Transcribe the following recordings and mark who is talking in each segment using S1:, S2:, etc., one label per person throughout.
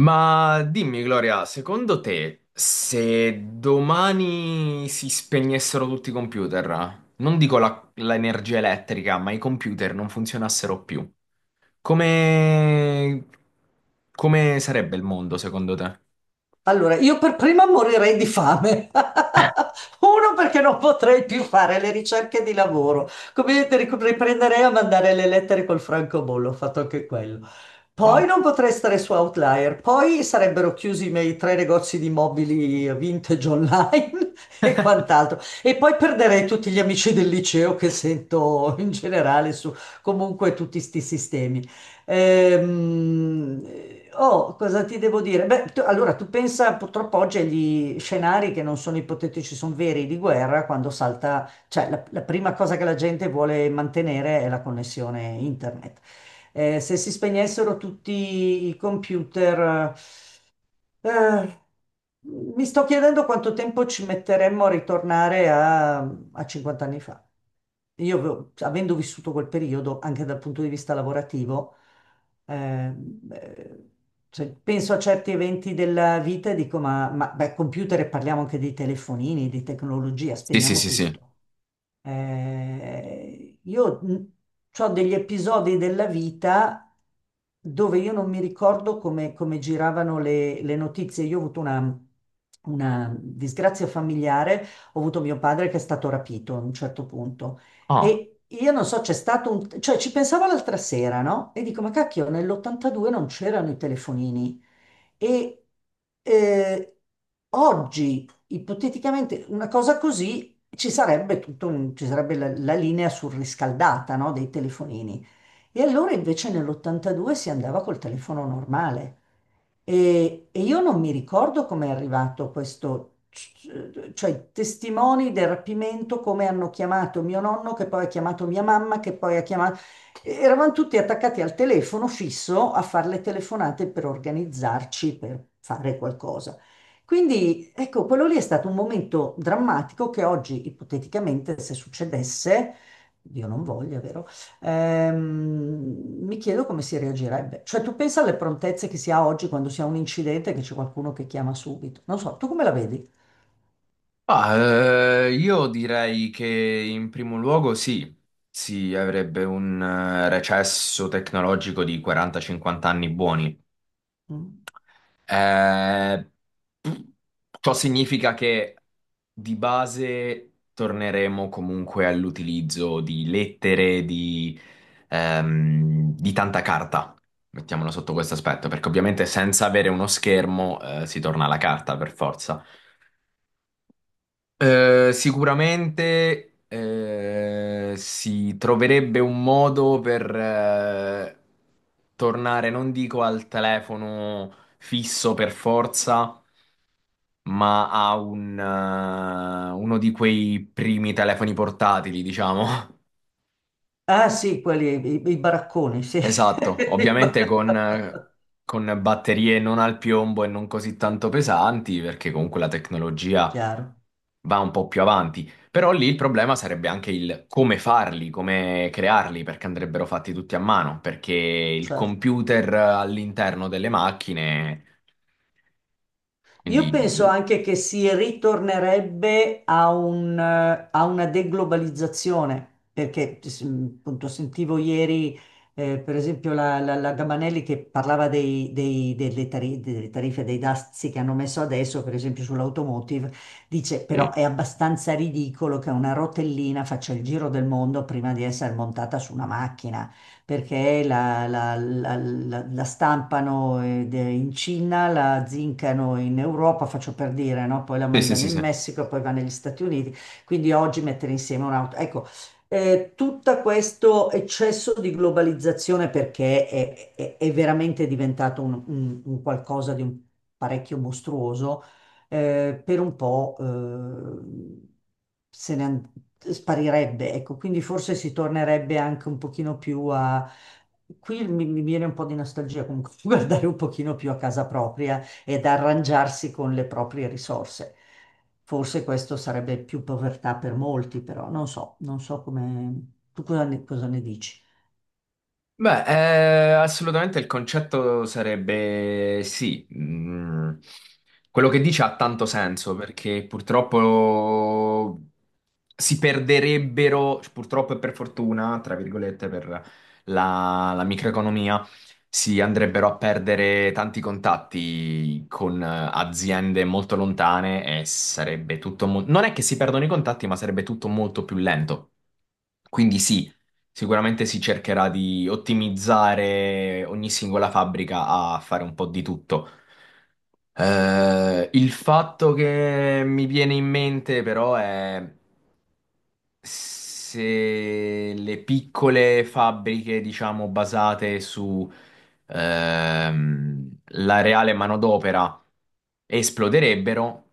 S1: Ma dimmi, Gloria, secondo te, se domani si spegnessero tutti i computer, non dico l'energia elettrica, ma i computer non funzionassero più, come... come sarebbe il mondo secondo te?
S2: Allora, io per prima morirei di fame. Uno perché non potrei più fare le ricerche di lavoro. Come vedete, riprenderei a mandare le lettere col francobollo, ho fatto anche quello. Poi
S1: Wow.
S2: non potrei stare su Outlier, poi sarebbero chiusi i miei tre negozi di mobili vintage online e quant'altro. E poi perderei tutti gli amici del liceo che sento in generale su comunque tutti sti sistemi. Ehm, oh, cosa ti devo dire? Beh, allora tu pensa purtroppo oggi agli scenari che non sono ipotetici, sono veri di guerra quando salta, cioè la prima cosa che la gente vuole mantenere è la connessione internet. Se si spegnessero tutti i computer, eh, mi sto chiedendo quanto tempo ci metteremmo a ritornare a 50 anni fa. Io, avendo vissuto quel periodo, anche dal punto di vista lavorativo, eh, eh, cioè, penso a certi eventi della vita e dico, ma beh, computer e parliamo anche dei telefonini, di tecnologia,
S1: Sì, sì,
S2: spegniamo
S1: sì, sì.
S2: tutto. Io ho degli episodi della vita dove io non mi ricordo come giravano le notizie. Io ho avuto una disgrazia familiare, ho avuto mio padre che è stato rapito a un certo punto
S1: Ah,
S2: e io non so, c'è stato un, cioè ci pensavo l'altra sera, no? E dico, ma cacchio, nell'82 non c'erano i telefonini e eh, oggi, ipoteticamente, una cosa così ci sarebbe tutto ci sarebbe la linea surriscaldata, no, dei telefonini. E allora invece nell'82 si andava col telefono normale. E io non mi ricordo come è arrivato questo, cioè i testimoni del rapimento, come hanno chiamato mio nonno, che poi ha chiamato mia mamma, che poi ha chiamato... Eravamo tutti attaccati al telefono fisso a fare le telefonate per organizzarci, per fare qualcosa. Quindi, ecco, quello lì è stato un momento drammatico che oggi, ipoteticamente, se succedesse, Dio non voglia, vero? Mi chiedo come si reagirebbe. Cioè, tu pensa alle prontezze che si ha oggi quando si ha un incidente che c'è qualcuno che chiama subito. Non so, tu come la vedi?
S1: ah, io direi che in primo luogo sì, si avrebbe un recesso tecnologico di 40-50 anni buoni.
S2: Mm.
S1: Eh, ciò significa che di base torneremo comunque all'utilizzo di lettere, di tanta carta. Mettiamola sotto questo aspetto, perché ovviamente senza avere uno schermo, si torna alla carta per forza. Sicuramente si troverebbe un modo per tornare, non dico al telefono fisso per forza, ma ha uno di quei primi telefoni portatili, diciamo.
S2: Ah, sì, quelli, i baracconi, sì.
S1: Esatto, ovviamente con batterie non al piombo e non così tanto pesanti, perché comunque la tecnologia
S2: Chiaro,
S1: va un po' più avanti. Però lì il problema sarebbe anche il come farli, come crearli, perché andrebbero fatti tutti a mano, perché il
S2: certo.
S1: computer all'interno delle macchine,
S2: Io
S1: quindi...
S2: penso anche che si ritornerebbe a una deglobalizzazione, perché appunto sentivo ieri, per esempio, la Gabanelli che parlava delle tariffe, dei dazi che hanno messo adesso, per esempio sull'automotive, dice però
S1: Sì,
S2: è abbastanza ridicolo che una rotellina faccia il giro del mondo prima di essere montata su una macchina perché la stampano in Cina, la zincano in Europa, faccio per dire, no? Poi la
S1: sì,
S2: mandano
S1: sì,
S2: in
S1: sì.
S2: Messico, poi va negli Stati Uniti. Quindi oggi mettere insieme un'auto. Ecco, tutto questo eccesso di globalizzazione perché è veramente diventato un qualcosa di un parecchio mostruoso per un po' se ne an- sparirebbe, ecco, quindi forse si tornerebbe anche un pochino più a... Qui mi viene un po' di nostalgia comunque guardare un pochino più a casa propria ed arrangiarsi con le proprie risorse. Forse questo sarebbe più povertà per molti, però non so, non so come... Tu cosa ne dici?
S1: Beh, assolutamente il concetto sarebbe sì. Quello che dice ha tanto senso, perché purtroppo si perderebbero, cioè, purtroppo e per fortuna, tra virgolette, per la microeconomia, si andrebbero a perdere tanti contatti con aziende molto lontane e sarebbe tutto non è che si perdono i contatti, ma sarebbe tutto molto più lento. Quindi sì. Sicuramente si cercherà di ottimizzare ogni singola fabbrica a fare un po' di tutto. Il fatto che mi viene in mente però è se le piccole fabbriche, diciamo, basate su ehm, la reale manodopera esploderebbero,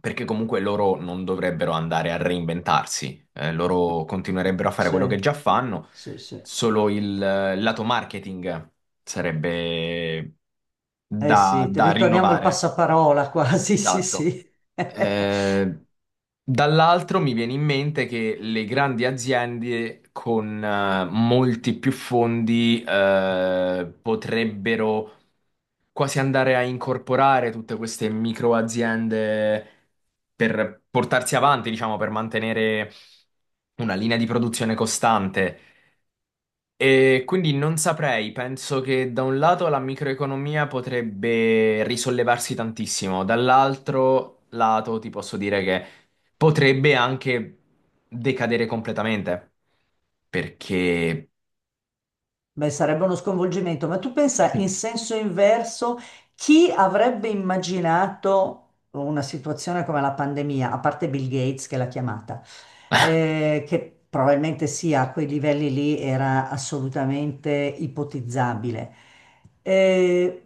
S1: perché comunque loro non dovrebbero andare a reinventarsi, loro continuerebbero a fare quello che
S2: Sì,
S1: già fanno,
S2: sì, sì.
S1: solo il lato marketing sarebbe
S2: Eh
S1: da,
S2: sì,
S1: da
S2: ritorniamo al
S1: rinnovare.
S2: passaparola quasi, sì,
S1: Esatto.
S2: sì.
S1: Eh, dall'altro mi viene in mente che le grandi aziende con molti più fondi potrebbero quasi andare a incorporare tutte queste micro aziende per portarsi avanti, diciamo, per mantenere una linea di produzione costante. E quindi non saprei, penso che da un lato la microeconomia potrebbe risollevarsi tantissimo, dall'altro lato ti posso dire che potrebbe anche decadere completamente, perché...
S2: Beh, sarebbe uno sconvolgimento, ma tu pensa in senso inverso, chi avrebbe immaginato una situazione come la pandemia, a parte Bill Gates che l'ha chiamata, che probabilmente sia a quei livelli lì era assolutamente ipotizzabile. Eh,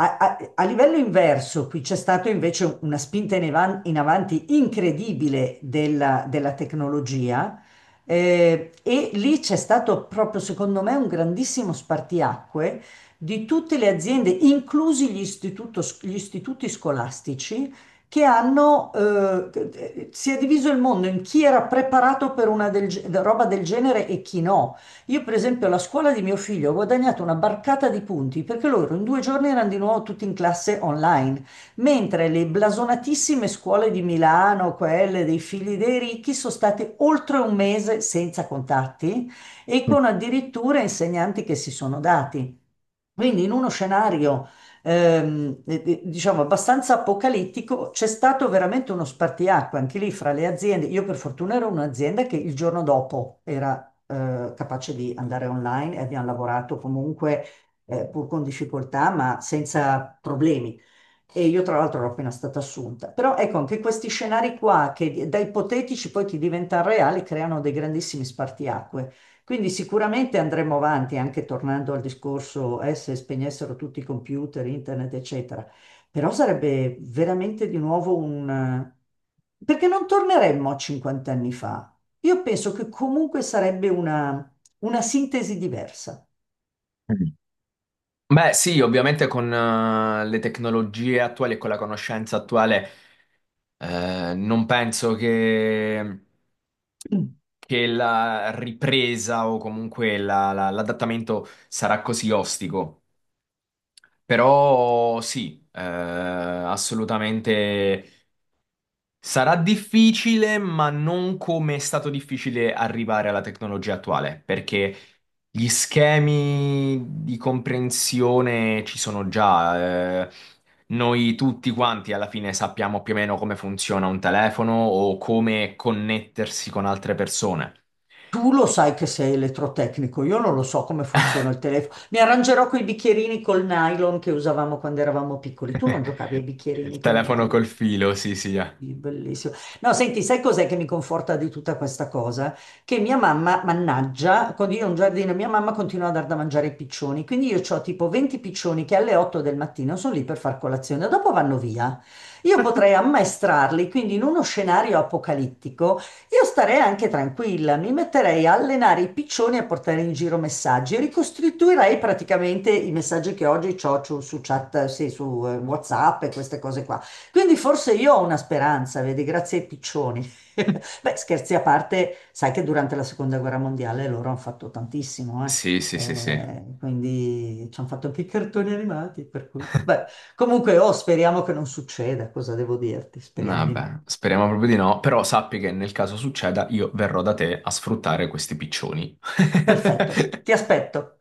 S2: a a livello inverso, qui c'è stata invece una spinta in avanti incredibile della tecnologia e lì c'è stato proprio, secondo me, un grandissimo spartiacque di tutte le aziende, inclusi gli istituti scolastici, che hanno, si è diviso il mondo in chi era preparato per roba del genere e chi no. Io, per esempio, alla scuola di mio figlio ho guadagnato una barcata di punti perché loro in 2 giorni erano di nuovo tutti in classe online mentre le blasonatissime scuole di Milano, quelle dei figli dei ricchi, sono state oltre un mese senza contatti e con addirittura insegnanti che si sono dati. Quindi in uno scenario, diciamo, abbastanza apocalittico, c'è stato veramente uno spartiacque anche lì fra le aziende. Io per fortuna ero un'azienda che il giorno dopo era, capace di andare online e abbiamo lavorato comunque, pur con difficoltà, ma senza problemi. E io tra l'altro ero appena stata assunta. Però ecco, anche questi scenari qua, che da ipotetici poi ti diventano reali, creano dei grandissimi spartiacque. Quindi sicuramente andremo avanti, anche tornando al discorso, se spegnessero tutti i computer, internet, eccetera. Però sarebbe veramente di nuovo un... Perché non torneremmo a 50 anni fa. Io penso che comunque sarebbe una sintesi diversa.
S1: Beh, sì, ovviamente con le tecnologie attuali e con la conoscenza attuale, non penso che la ripresa o comunque l'adattamento sarà così ostico. Però sì, assolutamente sarà difficile, ma non come è stato difficile arrivare alla tecnologia attuale, perché gli schemi di comprensione ci sono già. Noi tutti quanti alla fine sappiamo più o meno come funziona un telefono o come connettersi con altre persone.
S2: Tu lo sai che sei elettrotecnico, io non lo so come funziona il telefono. Mi arrangerò con i bicchierini col nylon che usavamo quando eravamo piccoli. Tu non giocavi ai
S1: Il
S2: bicchierini col
S1: telefono col
S2: nylon.
S1: filo, sì, sì.
S2: Sì, bellissimo. No, senti, sai cos'è che mi conforta di tutta questa cosa? Che mia mamma, mannaggia, quando io ho un giardino, mia mamma continua a dar da mangiare ai piccioni. Quindi io ho tipo 20 piccioni che alle 8 del mattino sono lì per far colazione, dopo vanno via. Io potrei ammaestrarli, quindi in uno scenario apocalittico, io starei anche tranquilla, mi metterei a allenare i piccioni e a portare in giro messaggi. Ricostituirei praticamente i messaggi che oggi ho su chat, sì, su WhatsApp e queste cose qua. Quindi forse io ho una speranza, vedi, grazie ai piccioni. Beh, scherzi a parte, sai che durante la seconda guerra mondiale loro hanno fatto tantissimo, eh.
S1: Sì, sì, sì, sì.
S2: Quindi ci hanno fatto anche i cartoni animati, per cui... Beh, comunque, oh, speriamo che non succeda, cosa devo dirti? Speriamo di no.
S1: Vabbè, speriamo proprio di no, però sappi che nel caso succeda io verrò da te a sfruttare questi piccioni.
S2: Perfetto, ti aspetto.